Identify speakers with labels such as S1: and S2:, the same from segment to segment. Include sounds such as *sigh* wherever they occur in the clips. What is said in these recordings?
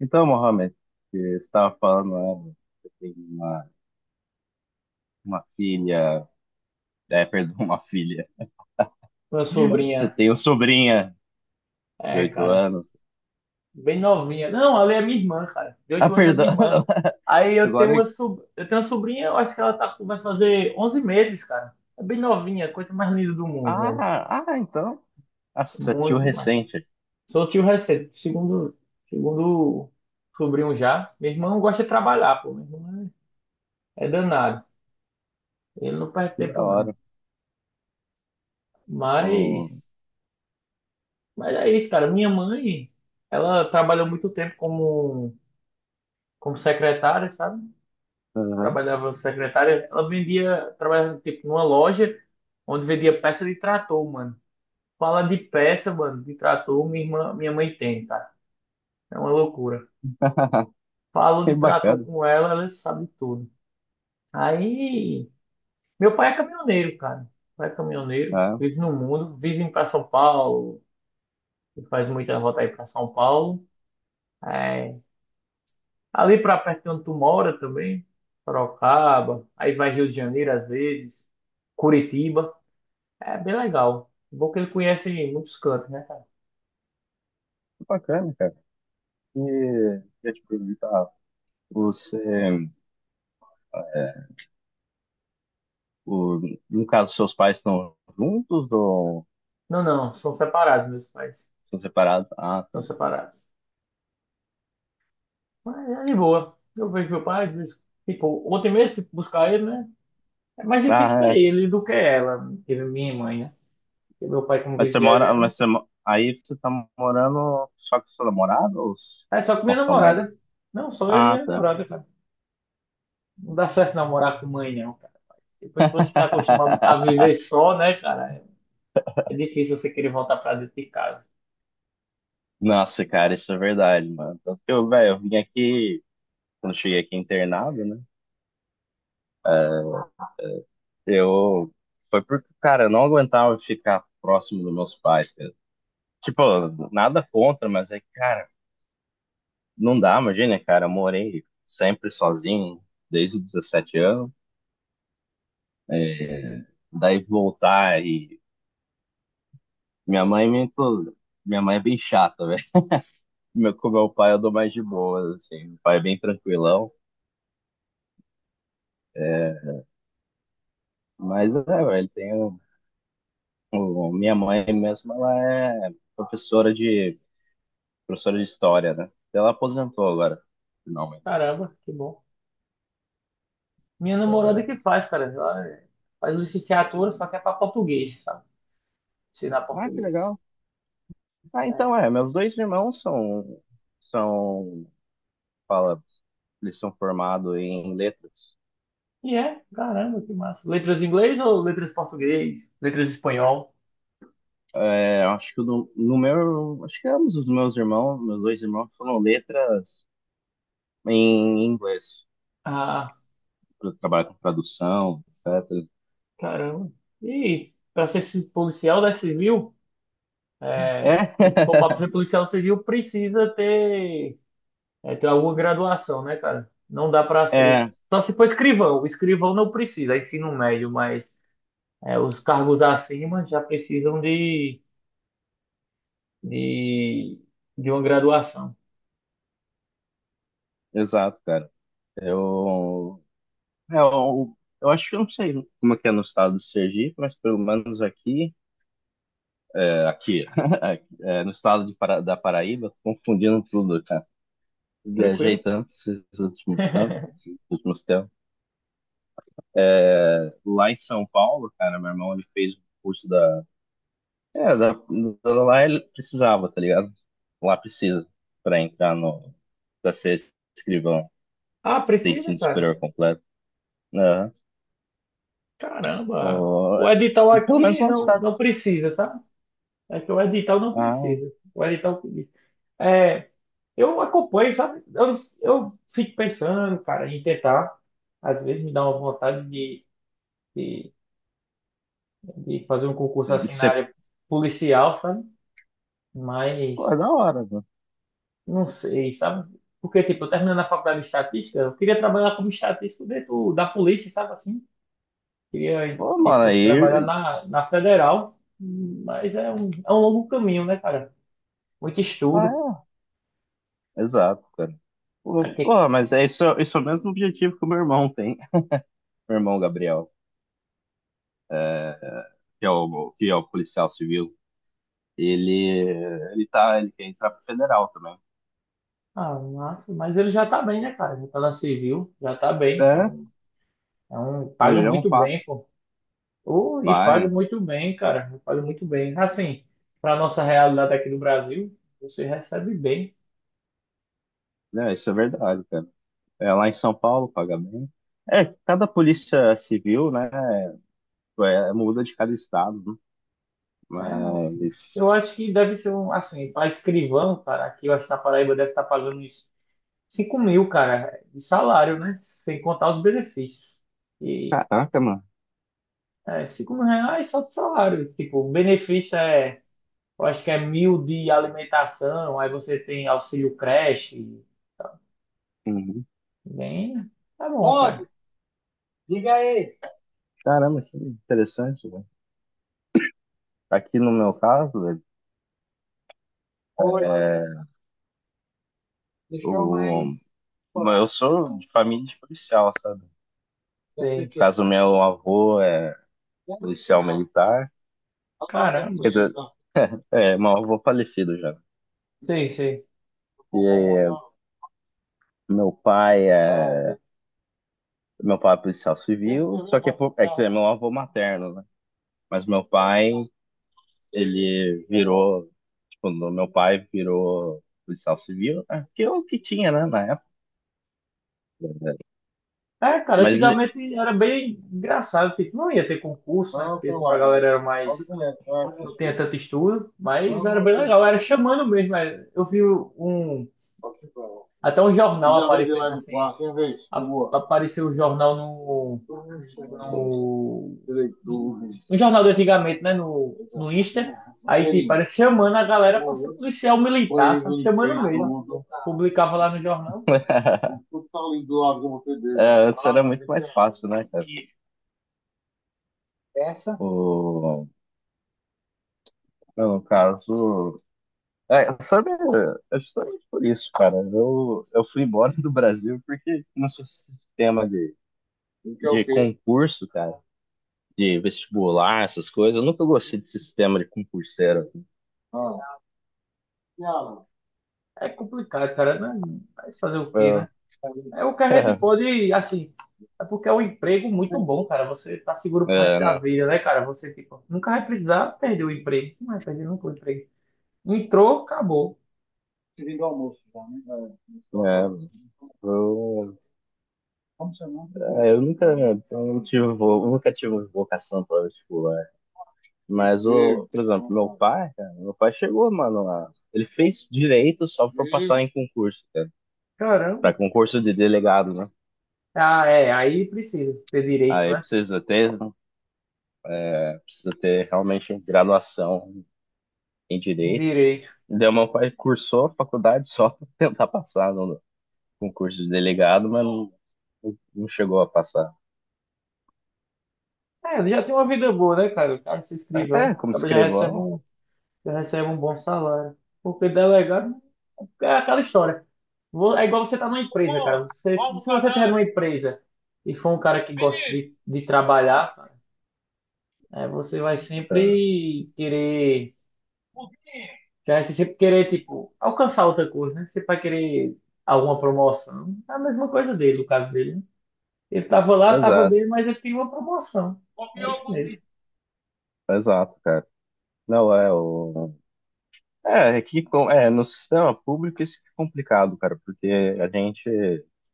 S1: Então, Mohamed, que você estava falando, né, você tem uma filha, perdão, *laughs* uma filha.
S2: Uma
S1: Você
S2: sobrinha.
S1: tem uma sobrinha de
S2: É,
S1: oito
S2: cara.
S1: anos.
S2: Bem novinha. Não, ela é minha irmã, cara. De
S1: Ah,
S2: 8 anos é
S1: perdão.
S2: minha irmã.
S1: *laughs*
S2: Aí eu tenho
S1: Agora,
S2: uma, sob eu tenho uma sobrinha. Eu acho que ela tá... vai fazer 11 meses, cara. É bem novinha, coisa mais linda do mundo, velho.
S1: então. Nossa, tio
S2: Muito massa.
S1: recente.
S2: Sou tio recente, segundo sobrinho já. Meu irmão gosta de trabalhar, pô. Meu irmão é danado. Ele não perde
S1: Que da
S2: tempo, não.
S1: hora. O-
S2: Mas, mas é isso, cara. Minha mãe, ela trabalhou muito tempo como secretária, sabe?
S1: Aham.
S2: Trabalhava secretária, ela vendia, trabalhava tipo numa loja onde vendia peça de trator, mano. Fala de peça, mano, de trator, minha irmã, minha mãe tem, cara. É uma loucura.
S1: *laughs*
S2: Falo
S1: Que
S2: de trator
S1: bacana,
S2: com ela, ela sabe tudo. Aí, meu pai é caminhoneiro, cara. Meu pai é caminhoneiro,
S1: tá?
S2: vive no mundo, vive para São Paulo, e faz muita volta aí para São Paulo. É, ali para perto de onde tu mora também, Sorocaba, aí vai Rio de Janeiro às vezes, Curitiba. É bem legal. Bom que ele conhece muitos cantos, né, cara?
S1: Que bacana, cara. E eu te perguntar, você, é, o, no caso, seus pais estão juntos ou
S2: Não, não, são separados meus pais.
S1: são separados? Ah,
S2: São
S1: tá.
S2: separados. Mas é de boa. Eu vejo meu pai, às vezes, tipo, ontem mesmo fui buscar ele, né? É mais difícil
S1: Ah,
S2: pra
S1: é.
S2: ele do que ela, que é minha mãe, né? Porque meu pai, como
S1: Mas
S2: vive
S1: você mora,
S2: viajando,
S1: mas você, mo- Aí você tá morando só com seu namorado ou
S2: é só com
S1: com
S2: minha
S1: a sua mãe?
S2: namorada. Não, só eu e
S1: Ah,
S2: minha
S1: tá.
S2: namorada, cara. Não dá certo namorar com mãe, não, cara. Depois que você se acostuma a viver
S1: *laughs*
S2: só, né, cara? É difícil você querer voltar pra dentro de casa.
S1: Nossa, cara, isso é verdade, mano. Tanto que eu, velho, eu vim aqui, quando eu cheguei aqui internado, né? Eu, Foi porque, cara, eu não aguentava ficar próximo dos meus pais, cara. Tipo, nada contra, mas é que, cara, não dá, imagina, cara, eu morei sempre sozinho desde os 17 anos. é, Daí voltar e Minha mãe é muito. Minha mãe é bem chata, velho. *laughs* Com meu pai eu dou mais de boas, assim. Meu pai é bem tranquilão. É, mas é, velho, minha mãe mesmo, ela é professora de história, né? Ela aposentou agora, finalmente.
S2: Caramba, que bom. Minha namorada que faz, cara. Ela faz licenciatura, só que é pra português, sabe? Ensinar
S1: Ah, que
S2: português.
S1: legal. Ah,
S2: É.
S1: então meus dois irmãos são fala, eles são formados em letras.
S2: E é, caramba, que massa. Letras em inglês ou letras em português? Letras em espanhol?
S1: É, acho que no, no meu, acho que ambos os meus irmãos, meus dois irmãos foram letras em inglês,
S2: Ah,
S1: para trabalhar com tradução, etc.
S2: caramba. E para ser policial da civil, se for pra
S1: É,
S2: ser policial civil, precisa ter, ter alguma graduação, né, cara? Não dá para
S1: *laughs*
S2: ser.
S1: é,
S2: Só se for escrivão. O escrivão não precisa, é ensino médio, mas os cargos acima já precisam de, de uma graduação.
S1: exato, cara. Eu, é, eu, eu acho que eu não sei como é que é no estado do Sergipe, mas pelo menos aqui, aqui, *laughs* no estado de da Paraíba, tô confundindo tudo, cara. Viajei
S2: Tranquilo.
S1: tanto
S2: *laughs*
S1: esses últimos tempos. Lá em São Paulo, cara, meu irmão ele fez um curso da É, da, da- da lá ele precisava, tá ligado? Lá precisa pra entrar no, pra ser escrivão,
S2: Ah,
S1: ter
S2: precisa,
S1: ensino
S2: cara?
S1: superior completo. Aham.
S2: Caramba.
S1: Pô,
S2: O edital
S1: pelo menos
S2: aqui
S1: lá no
S2: não,
S1: estado.
S2: não precisa, sabe? É que o edital não
S1: Ah,
S2: precisa. O edital diz. é, eu acompanho, sabe? Eu fico pensando, cara, em tentar. Às vezes me dá uma vontade de, de fazer um concurso assim na
S1: você,
S2: área policial, sabe?
S1: pô, é
S2: Mas
S1: da hora, mano.
S2: não sei, sabe? Porque, tipo, eu terminando a faculdade de estatística, eu queria trabalhar como estatístico dentro da polícia, sabe assim? Queria
S1: Pô, mano,
S2: tipo, trabalhar
S1: aí,
S2: na, na federal, mas é um longo caminho, né, cara? Muito estudo.
S1: ah, exato, cara. Pô,
S2: Porque,
S1: pô, mas é isso, é, isso é o mesmo objetivo que o meu irmão tem. *laughs* Meu irmão Gabriel, que é o policial civil, ele, ele quer entrar pro federal também.
S2: ah, massa, mas ele já tá bem, né, cara? Já tá na civil, já tá bem.
S1: É,
S2: É um,
S1: É
S2: paga
S1: já é um
S2: muito bem,
S1: passo.
S2: pô. Oh, e paga
S1: Paga.
S2: muito bem, cara. Paga muito bem. Assim, para nossa realidade aqui do Brasil, você recebe bem.
S1: É, isso é verdade, cara. É, lá em São Paulo paga bem. É, cada polícia civil, né, muda de cada estado, né?
S2: É,
S1: Mas,
S2: eu acho que deve ser um, assim, para escrivão, cara, aqui eu acho que na Paraíba deve estar pagando uns 5 mil, cara, de salário, né? Sem contar os benefícios. E
S1: caraca, mano.
S2: é, 5 mil reais só de salário. Tipo, o benefício é, eu acho que é mil de alimentação, aí você tem auxílio creche.
S1: Uhum.
S2: Bem, tá bom, cara.
S1: Pode, diga aí. Caramba, que interessante, né? Aqui no meu caso, velho, oi, é, deixou o, mais. Eu sou de família de policial, sabe? Já sei o
S2: Sei.
S1: que é. Caso, meu avô é policial militar,
S2: Caramba.
S1: quer dizer, meu avô falecido já.
S2: Sim, sim.
S1: E meu pai é Meu pai é policial civil, só que é que é meu avô materno, né? Mas meu pai, ele virou, tipo, meu pai virou policial civil, né? Que é o que tinha, né, na época.
S2: É, cara,
S1: Mas ele,
S2: antigamente era bem engraçado, tipo, não ia ter concurso, né?
S1: não,
S2: Porque
S1: não
S2: tipo, a galera
S1: ainda.
S2: era
S1: Olha o
S2: mais.
S1: não é.
S2: Não tinha tanto estudo, mas era
S1: Não,
S2: bem
S1: tem
S2: legal, era
S1: não.
S2: chamando mesmo. É. Eu vi um.
S1: Só que não.
S2: Até um jornal
S1: E
S2: aparecendo
S1: lá do
S2: assim,
S1: quarto, hein, vez? Por boa.
S2: apareceu o jornal no, no,
S1: Direitores.
S2: no jornal de antigamente, né? No, no Insta.
S1: Um
S2: Aí, tipo,
S1: cheirinho.
S2: era chamando a galera para ser
S1: Pô,
S2: policial militar,
S1: banheiro
S2: sabe?
S1: limpei.
S2: Chamando mesmo. Publicava lá no jornal.
S1: Tudo tá lindo. Antes era muito mais fácil, né, cara? Essa? No caso. É, sabe, é justamente por isso, cara. Eu fui embora do Brasil porque nosso sistema de, porque é o de quê? Concurso, cara, de vestibular, essas coisas. Eu nunca gostei desse sistema de concurseiro. Ah, não.
S2: É complicado, cara, né, mas fazer o quê,
S1: Eu,
S2: né? É o que a
S1: *laughs*
S2: gente
S1: é,
S2: pode, assim. É porque é um emprego muito bom, cara. Você tá seguro pro resto da
S1: né?
S2: vida, né, cara? Você, tipo, nunca vai precisar perder o emprego. Não vai perder nunca o emprego. Entrou, acabou.
S1: Vindo do almoço já, né? É, do é, eu, como seu nome? é, eu nunca, eu nunca tive vocação para vestibular. Por exemplo, meu pai, cara, meu pai chegou, mano, lá ele fez direito só pra passar em concurso, cara,
S2: Caramba.
S1: para concurso de delegado, né?
S2: Ah, é. Aí precisa ter direito,
S1: Aí
S2: né?
S1: precisa ter realmente graduação em
S2: Um
S1: direito.
S2: Direito.
S1: Então, meu pai cursou a faculdade só pra tentar passar no concurso de delegado, mas não chegou a passar.
S2: É, ele já tem uma vida boa, né, cara? O cara se escrivão,
S1: É, como
S2: acaba
S1: escrivão,
S2: já recebe um bom salário. Porque delegado é aquela história. É igual você tá numa empresa, cara. Você, se você tiver numa empresa e for um cara que gosta de trabalhar, cara, você vai
S1: tá.
S2: sempre querer, você vai sempre querer, tipo, alcançar outra coisa, né? Você vai querer alguma promoção. É a mesma coisa dele, no caso dele, né? Ele tava lá, tava
S1: Exato,
S2: bem, mas ele tem uma promoção. É isso mesmo.
S1: exato, cara. Não é o. No sistema público isso que é complicado, cara, porque a gente,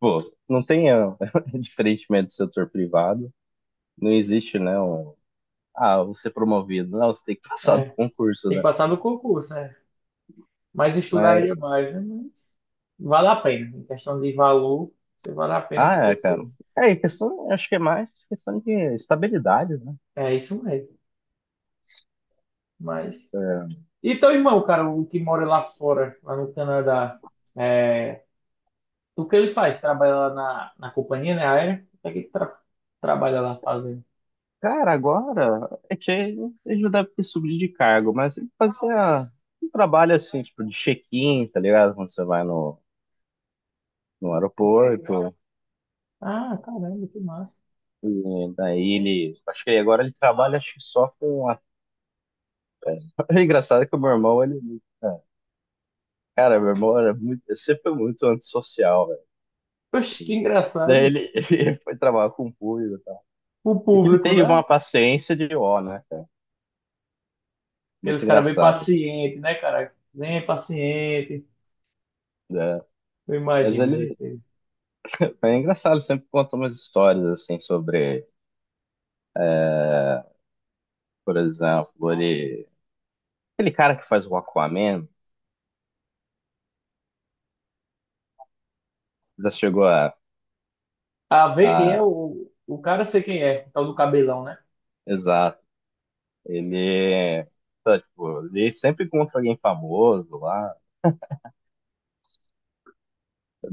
S1: pô, não tem, *laughs* diferentemente do setor privado, não existe, né, você é promovido, não, você tem que passar no
S2: É,
S1: concurso,
S2: tem que
S1: né?
S2: passar no concurso, é. Mas
S1: Mas,
S2: estudaria mais, né? Mas vale a pena. Em questão de valor, você vale a pena porque você.
S1: cara, acho que é mais questão de estabilidade, né?
S2: É isso mesmo. Mas.
S1: é,
S2: E teu irmão, cara, o que mora lá fora, lá no Canadá, é... o que ele faz? Trabalha lá na, na companhia, né? Aérea? O que é que ele trabalha lá fazendo?
S1: Cara, agora é que ele já deve ter subido de cargo, mas ele fazia um trabalho assim, tipo, de check-in, tá ligado? Quando você vai no, no aeroporto,
S2: Ah, caramba, que massa.
S1: e daí ele, acho que agora ele trabalha acho que só com a... *laughs* É engraçado que o meu irmão, cara, meu irmão sempre foi muito antissocial, velho.
S2: Poxa, que
S1: Daí
S2: engraçado.
S1: ele, *laughs* ele foi trabalhar com o público e tal.
S2: O
S1: E que ele
S2: público,
S1: tem
S2: né?
S1: uma paciência de ó, né, cara?
S2: Aqueles
S1: Muito
S2: caras bem
S1: engraçado,
S2: pacientes, né, cara? Bem paciente.
S1: né?
S2: Eu
S1: Mas
S2: imagino,
S1: ele,
S2: gente.
S1: é engraçado, ele sempre conta umas histórias, assim, sobre, por exemplo, ele, aquele cara que faz o Aquaman, já chegou a,
S2: Ah, vê quem é
S1: a,
S2: o cara, sei quem é. É. O tal do cabelão, né?
S1: exato, ele, tá, tipo, ele sempre encontra alguém famoso lá,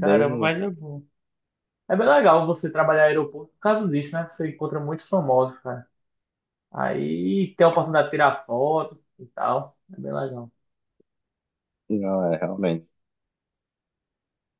S2: Caramba, mas é bom. É bem legal você trabalhar em aeroporto por causa disso, né? Você encontra muitos famosos, cara. Aí tem a oportunidade de tirar foto e tal. É bem legal.
S1: não, é realmente.